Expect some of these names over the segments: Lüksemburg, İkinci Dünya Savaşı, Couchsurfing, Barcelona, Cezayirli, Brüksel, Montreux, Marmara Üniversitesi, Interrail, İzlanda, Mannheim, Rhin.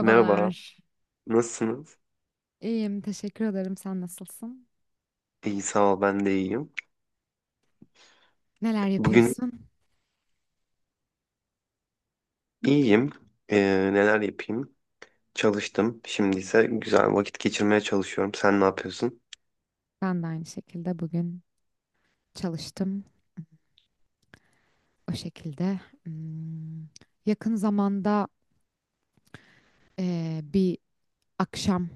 Merhaba, nasılsınız? İyiyim, teşekkür ederim. Sen nasılsın? İyi sağ ol, ben de iyiyim. Neler Bugün yapıyorsun? iyiyim. Neler yapayım? Çalıştım. Şimdi ise güzel vakit geçirmeye çalışıyorum. Sen ne yapıyorsun? Ben de aynı şekilde bugün çalıştım. O şekilde. Yakın zamanda bir akşam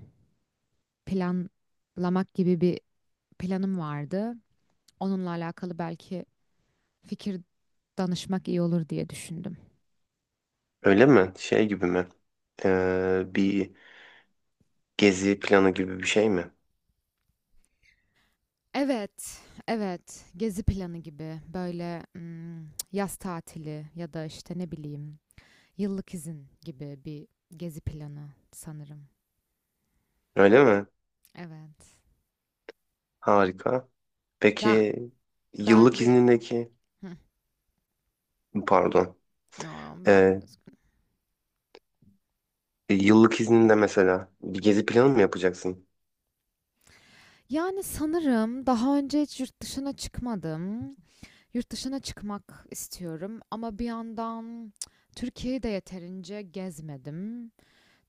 planlamak gibi bir planım vardı. Onunla alakalı belki fikir danışmak iyi olur diye düşündüm. Öyle mi? Şey gibi mi? Bir gezi planı gibi bir şey mi? Evet, evet. Gezi planı gibi böyle yaz tatili ya da işte ne bileyim, yıllık izin gibi bir gezi planı sanırım. Öyle mi? Evet. Harika. Daha, Peki daha yıllık önce iznindeki, Hı, pardon, ya ben Ee, yıllık izninde mesela bir gezi planı mı yapacaksın? yani sanırım daha önce hiç yurt dışına çıkmadım. Yurt dışına çıkmak istiyorum ama bir yandan Türkiye'yi de yeterince gezmedim.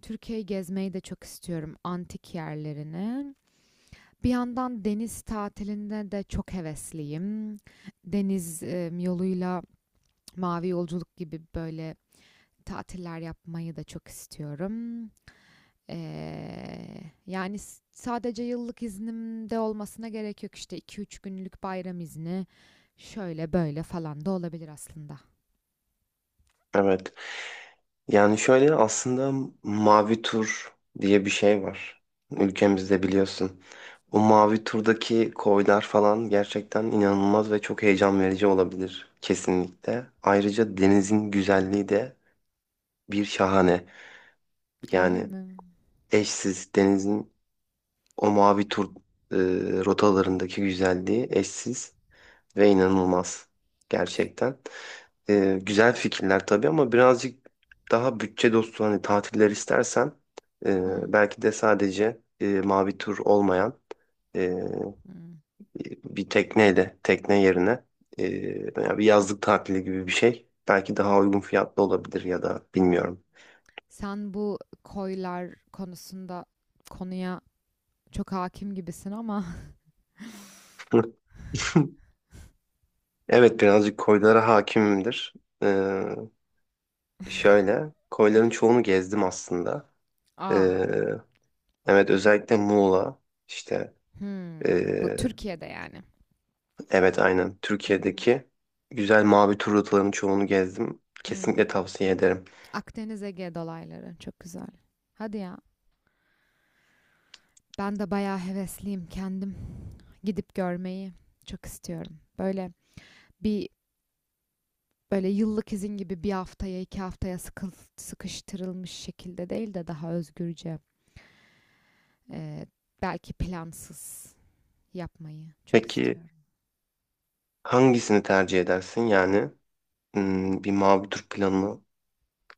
Türkiye'yi gezmeyi de çok istiyorum, antik yerlerini. Bir yandan deniz tatiline de çok hevesliyim. Deniz yoluyla Mavi Yolculuk gibi böyle tatiller yapmayı da çok istiyorum. Yani sadece yıllık iznimde olmasına gerek yok, işte 2-3 günlük bayram izni şöyle böyle falan da olabilir aslında. Evet. Yani şöyle aslında mavi tur diye bir şey var. Ülkemizde biliyorsun. O mavi turdaki koylar falan gerçekten inanılmaz ve çok heyecan verici olabilir kesinlikle. Ayrıca denizin güzelliği de bir şahane. Öyle Yani mi? eşsiz denizin o mavi tur e, rotalarındaki güzelliği eşsiz ve inanılmaz gerçekten. Güzel fikirler tabii ama birazcık daha bütçe dostu hani tatiller istersen Hmm, belki de sadece mavi tur olmayan e, hmm. bir tekneyle tekne yerine e, yani bir yazlık tatili gibi bir şey belki daha uygun fiyatlı olabilir ya da bilmiyorum. Sen bu koylar konuya çok hakim gibisin ama. Evet birazcık koylara hakimimdir. Ee, şöyle koyların çoğunu gezdim aslında. Aa, Ee, evet özellikle Muğla işte bu e, Türkiye'de yani. Evet aynen. Hı hı, Türkiye'deki güzel mavi tur rotalarının çoğunu gezdim. Kesinlikle hmm. tavsiye ederim. Akdeniz Ege dolayları çok güzel. Hadi ya. Ben de bayağı hevesliyim. Kendim gidip görmeyi çok istiyorum. Bir böyle yıllık izin gibi, bir haftaya 2 haftaya sıkıştırılmış şekilde değil de daha özgürce, e, belki plansız yapmayı çok Peki istiyorum. hangisini tercih edersin? Yani hmm, bir mavi tur planı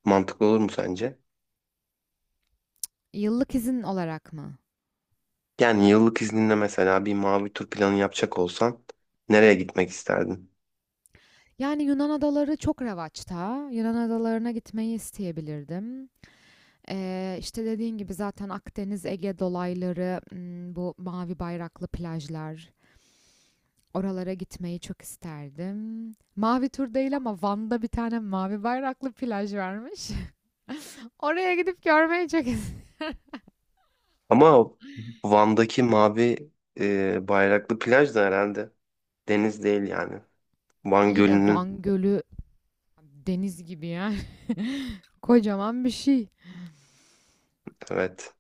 mantıklı olur mu sence? Yıllık izin olarak mı? Yani yıllık izninle mesela bir mavi tur planı yapacak olsan nereye gitmek isterdin? Yani Yunan adaları çok revaçta. Yunan adalarına gitmeyi isteyebilirdim. İşte dediğin gibi zaten Akdeniz, Ege dolayları, bu mavi bayraklı plajlar, oralara gitmeyi çok isterdim. Mavi tur değil ama Van'da bir tane mavi bayraklı plaj varmış. Oraya gidip görmeyi çok isterdim. Ama o Van'daki mavi bayraklı plaj da herhalde deniz değil yani. Van İyi de Gölü'nün Van Gölü deniz gibi yani. Kocaman bir şey. evet.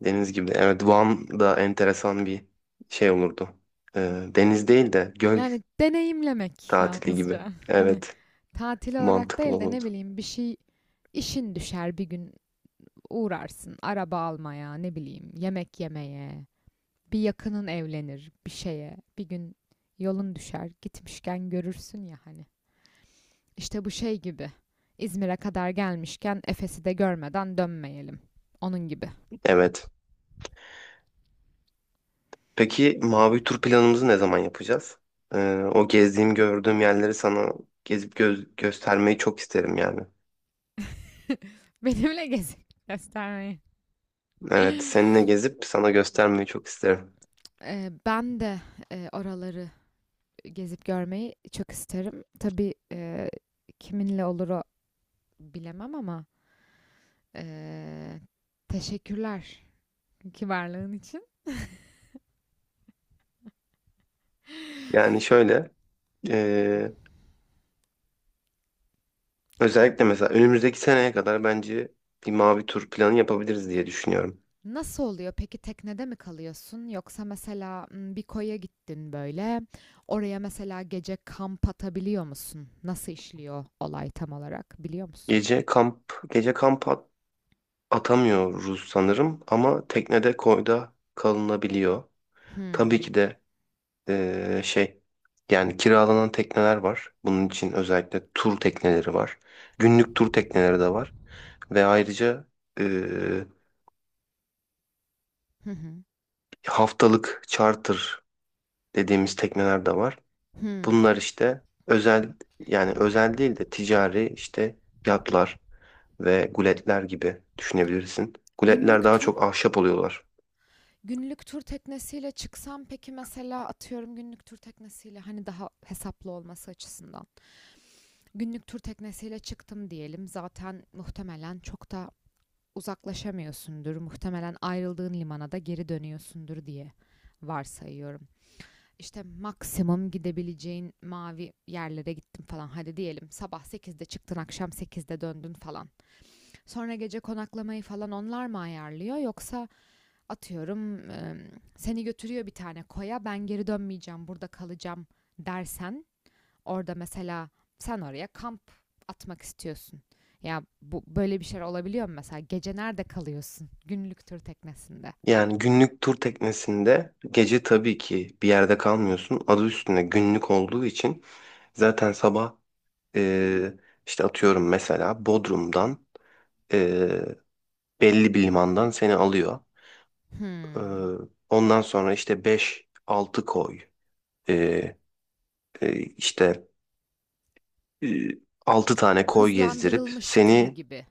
Deniz gibi. Evet, Van da enteresan bir şey olurdu. Deniz değil de göl Yani deneyimlemek tatili gibi. yalnızca. Hani Evet, tatil olarak mantıklı değil de, ne olurdu. bileyim, bir şey, işin düşer bir gün uğrarsın. Araba almaya, ne bileyim, yemek yemeye. Bir yakının evlenir bir şeye. Bir gün yolun düşer, gitmişken görürsün ya hani. İşte bu şey gibi. İzmir'e kadar gelmişken Efes'i de görmeden dönmeyelim. Onun gibi. Evet. Peki mavi tur planımızı ne zaman yapacağız? Ee, o gezdiğim, gördüğüm yerleri sana gezip göz göstermeyi çok isterim yani. Benimle gezip göstermeyi. Evet, seninle gezip sana göstermeyi çok isterim. Ben de oraları gezip görmeyi çok isterim. Tabii, kiminle olur o bilemem ama e, teşekkürler ki varlığın için. Yani şöyle, ee, özellikle mesela önümüzdeki seneye kadar bence bir mavi tur planı yapabiliriz diye düşünüyorum. Nasıl oluyor? Peki teknede mi kalıyorsun? Yoksa mesela bir koya gittin böyle. Oraya mesela gece kamp atabiliyor musun? Nasıl işliyor olay, tam olarak biliyor musun? Gece kamp, gece kamp at- atamıyoruz sanırım ama teknede koyda kalınabiliyor. Tabii Hmm. ki de şey yani kiralanan tekneler var. Bunun için özellikle tur tekneleri var. Günlük tur tekneleri de var. Ve ayrıca eee, Hı hı. haftalık charter dediğimiz tekneler de var. Hmm. Bunlar işte özel yani özel değil de ticari işte yatlar ve guletler gibi düşünebilirsin. Guletler Günlük daha tur, çok ahşap oluyorlar. günlük tur teknesiyle çıksam, peki mesela, atıyorum günlük tur teknesiyle, hani daha hesaplı olması açısından. Günlük tur teknesiyle çıktım diyelim. Zaten muhtemelen çok da uzaklaşamıyorsundur. Muhtemelen ayrıldığın limana da geri dönüyorsundur diye varsayıyorum. İşte maksimum gidebileceğin mavi yerlere gittim falan. Hadi diyelim, sabah 8'de çıktın, akşam 8'de döndün falan. Sonra gece konaklamayı falan onlar mı ayarlıyor, yoksa atıyorum seni götürüyor bir tane koya, ben geri dönmeyeceğim, burada kalacağım dersen, orada mesela sen oraya kamp atmak istiyorsun. Ya bu böyle bir şey olabiliyor mu mesela? Gece nerede kalıyorsun? Günlük tur teknesinde. Yani günlük tur teknesinde gece tabii ki bir yerde kalmıyorsun. Adı üstünde günlük olduğu için zaten sabah e, işte atıyorum mesela Bodrum'dan belli bir limandan seni alıyor. Ee, Hmm. ondan sonra işte beş-altı koy ee, e, işte e, 6 tane koy gezdirip Hızlandırılmış tur seni gibi.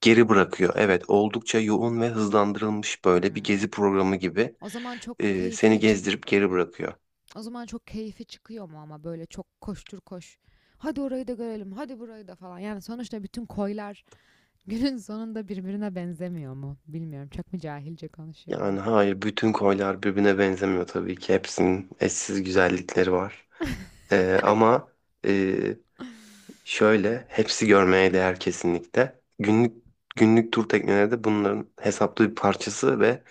geri bırakıyor. Evet oldukça yoğun ve hızlandırılmış böyle bir Hmm. gezi programı gibi O zaman çok seni keyfini çık gezdirip geri bırakıyor. o zaman çok keyfi çıkıyor mu ama, böyle çok koştur koş? Hadi orayı da görelim, hadi burayı da falan. Yani sonuçta bütün koylar günün sonunda birbirine benzemiyor mu? Bilmiyorum. Çok mu cahilce Yani konuşuyorum? hayır bütün koylar birbirine benzemiyor tabii ki hepsinin eşsiz güzellikleri var. Ee, ama e, Şöyle, hepsi görmeye değer kesinlikle. Günlük tur tekneleri de bunların hesaplı bir parçası ve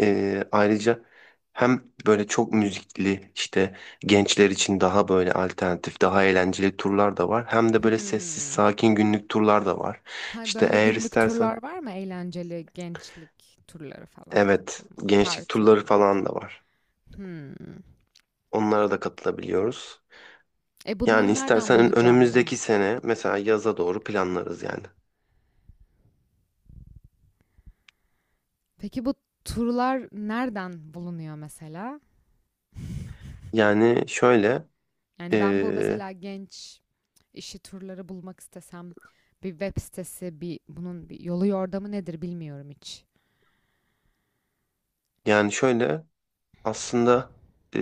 ayrıca hem böyle çok müzikli işte gençler için daha böyle alternatif, daha eğlenceli turlar da var. Hem de böyle sessiz, Hmm. sakin günlük turlar da var. Ha, İşte böyle eğer günlük istersen turlar var mı? Eğlenceli gençlik turları falan, evet, katılma. gençlik Partili turları falan martili. da var. Hmm. Onlara da katılabiliyoruz. E Yani bunları nereden istersen bulacağım ben? önümüzdeki sene mesela yaza doğru planlarız yani. Peki bu turlar nereden bulunuyor mesela? Yani şöyle Yani ben bu e, mesela genç işi turları bulmak istesem, bir web sitesi, bunun bir yolu yordamı nedir bilmiyorum hiç. Yani şöyle aslında e,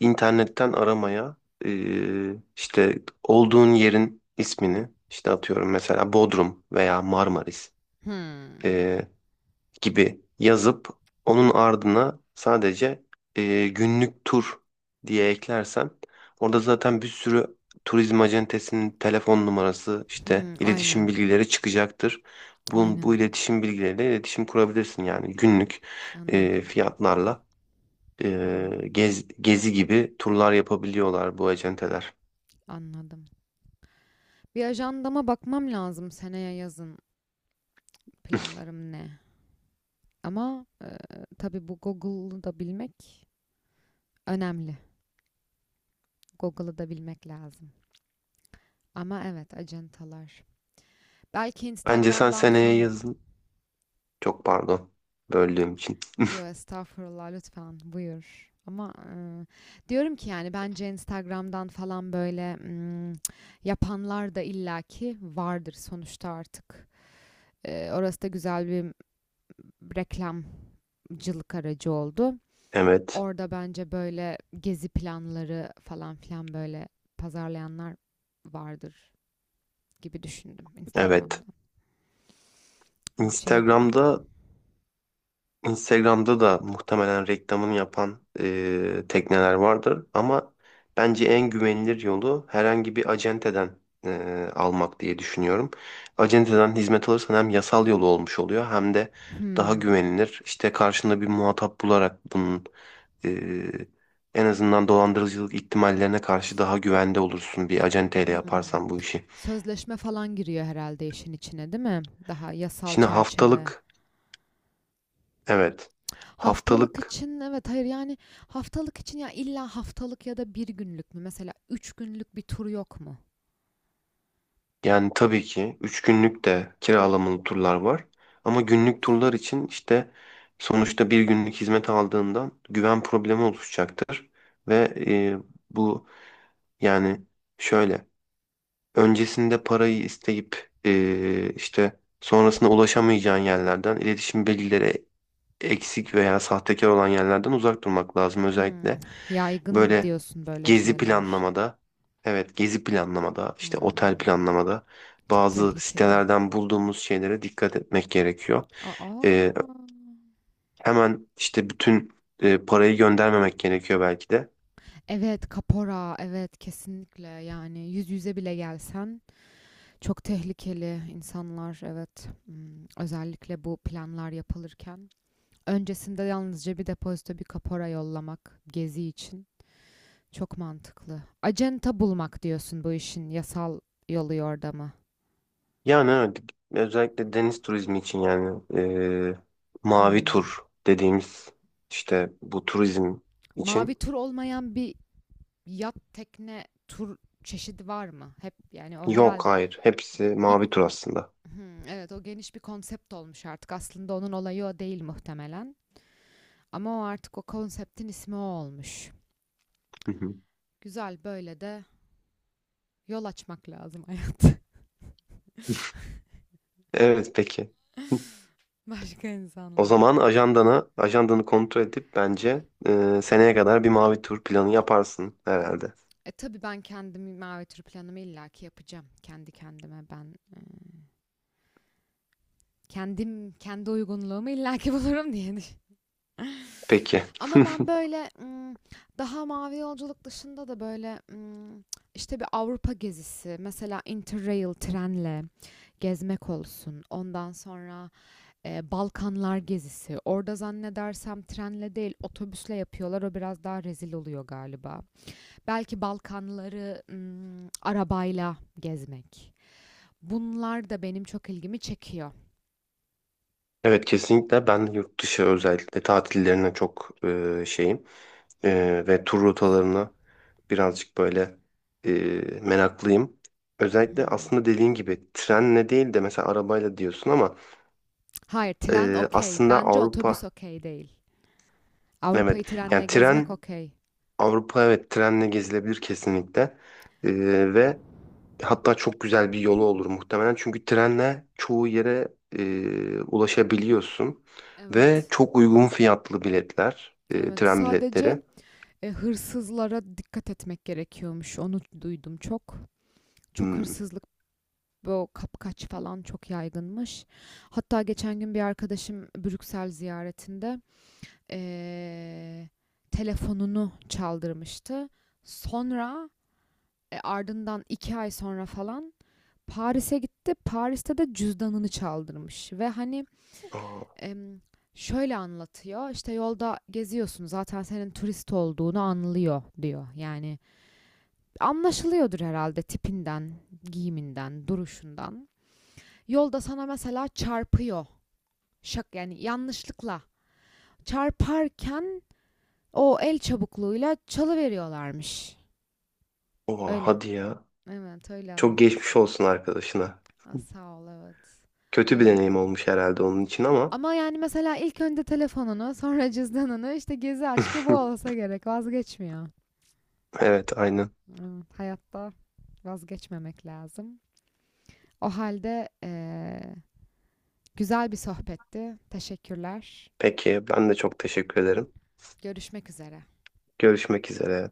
internetten aramaya işte olduğun yerin ismini işte atıyorum mesela Bodrum veya Marmaris e, gibi yazıp onun ardına sadece günlük tur diye eklersem orada zaten bir sürü turizm acentesinin telefon numarası işte Hmm, iletişim aynen. bilgileri çıkacaktır. Bu, Aynen. bu iletişim bilgileriyle iletişim kurabilirsin yani günlük Anladım. fiyatlarla. Hmm, Gezi gibi turlar yapabiliyorlar bu acenteler. anladım. Bir ajandama bakmam lazım, seneye yazın planlarım ne? Ama tabii, bu Google'u da bilmek önemli. Google'ı da bilmek lazım. Ama evet, acentalar. Belki Bence sen Instagram'dan seneye falan. yazın. Çok pardon. Böldüğüm için. Yo, estağfurullah, lütfen buyur. Ama diyorum ki, yani bence Instagram'dan falan böyle yapanlar da illaki vardır sonuçta artık. Orası da güzel bir reklamcılık aracı oldu. Evet. Orada bence böyle gezi planları falan filan böyle pazarlayanlar vardır gibi düşündüm, Evet. Instagram'da. Şey bir Instagram'da Instagram'da da muhtemelen reklamını yapan tekneler vardır ama bence en güvenilir yolu herhangi bir acenteden almak diye düşünüyorum. Acenteden hizmet alırsan hem yasal yolu olmuş oluyor hem de daha Hmm, güvenilir. İşte karşında bir muhatap bularak bunun Ee, en azından dolandırıcılık ihtimallerine karşı daha güvende olursun bir acenteyle hmm. yaparsan bu işi. Sözleşme falan giriyor herhalde işin içine, değil mi? Daha yasal Şimdi çerçeve. haftalık evet Haftalık haftalık için evet, hayır yani, haftalık için, ya illa haftalık ya da bir günlük mü? Mesela üç günlük bir tur yok mu? Yani tabii ki 3 günlük de kiralamalı turlar var. Ama günlük turlar için işte sonuçta bir günlük hizmet aldığından güven problemi oluşacaktır. Ve e, bu Yani şöyle öncesinde parayı isteyip işte sonrasında ulaşamayacağın yerlerden iletişim bilgileri eksik veya sahtekar olan yerlerden uzak durmak lazım. Özellikle Yaygın böyle diyorsun böyle gezi şeyler. planlamada, evet gezi planlamada, işte otel Hmm, planlamada çok bazı tehlikeli. sitelerden bulduğumuz şeylere dikkat etmek gerekiyor. Aa. Ee, hemen işte bütün parayı göndermemek gerekiyor belki de. Evet, kapora, evet, kesinlikle, yani yüz yüze bile gelsen çok tehlikeli insanlar, evet. Hmm, özellikle bu planlar yapılırken öncesinde yalnızca bir depozito, bir kapora yollamak gezi için çok mantıklı. Acenta bulmak diyorsun, bu işin yasal yolu yordamı. Yani evet, özellikle deniz turizmi için yani mavi Hmm. tur dediğimiz işte bu turizm Mavi için tur olmayan bir yat, tekne tur çeşidi var mı? Hep yani, o yok herhalde hayır hepsi bir. mavi tur aslında. Hmm, evet, o geniş bir konsept olmuş artık. Aslında onun olayı o değil muhtemelen. Ama o artık o konseptin ismi o olmuş. Hı hı. Güzel, böyle de yol açmak lazım Evet peki. başka O insanlara. zaman ajandanı kontrol edip bence seneye kadar bir mavi tur planı yaparsın herhalde. Tabii ben kendimi mavi tür planımı illaki yapacağım. Kendi kendime ben, e, kendi uygunluğumu illaki bulurum diye düşün- Peki. Ama ben böyle daha mavi yolculuk dışında da böyle işte bir Avrupa gezisi, mesela Interrail, trenle gezmek olsun, ondan sonra, Balkanlar gezisi. Orada zannedersem trenle değil, otobüsle yapıyorlar. O biraz daha rezil oluyor galiba. Belki Balkanları, arabayla gezmek. Bunlar da benim çok ilgimi çekiyor. Evet kesinlikle ben yurt dışı özellikle tatillerine çok şeyim. Ve tur rotalarına birazcık böyle e, meraklıyım. Özellikle Hımm. aslında dediğin gibi trenle değil de mesela arabayla diyorsun ama Hayır, tren e, okay. aslında Bence otobüs Avrupa okay değil. evet Avrupa'yı trenle yani gezmek tren okay. Avrupa evet trenle gezilebilir kesinlikle. Ve hatta çok güzel bir yolu olur muhtemelen çünkü trenle çoğu yere ulaşabiliyorsun ve Evet, çok uygun fiyatlı biletler, evet. tren Sadece, biletleri. Hırsızlara dikkat etmek gerekiyormuş. Onu duydum çok. Çok Hmm. hırsızlık, bu kapkaç falan çok yaygınmış. Hatta geçen gün bir arkadaşım Brüksel ziyaretinde eee, telefonunu çaldırmıştı. Sonra, ardından 2 ay sonra falan Paris'e gitti. Paris'te de cüzdanını çaldırmış ve hani, Aa, em, şöyle anlatıyor: işte yolda geziyorsun, zaten senin turist olduğunu anlıyor diyor. Yani anlaşılıyordur herhalde tipinden, giyiminden, duruşundan. Yolda sana mesela çarpıyor şak, yani yanlışlıkla çarparken, o el çabukluğuyla çalıveriyorlarmış. oha, Öyle. hadi ya, Evet, öyle çok anlat. geçmiş olsun arkadaşına. Ha, sağ ol, evet. Kötü bir Öyle. deneyim olmuş herhalde onun için ama Ama yani mesela ilk önce telefonunu, sonra cüzdanını, işte gezi aşkı bu olsa gerek, vazgeçmiyor. evet aynen. Evet, hayatta vazgeçmemek lazım. O halde, güzel bir sohbetti. Teşekkürler. Peki ben de çok teşekkür ederim. Görüşmek üzere. Görüşmek üzere.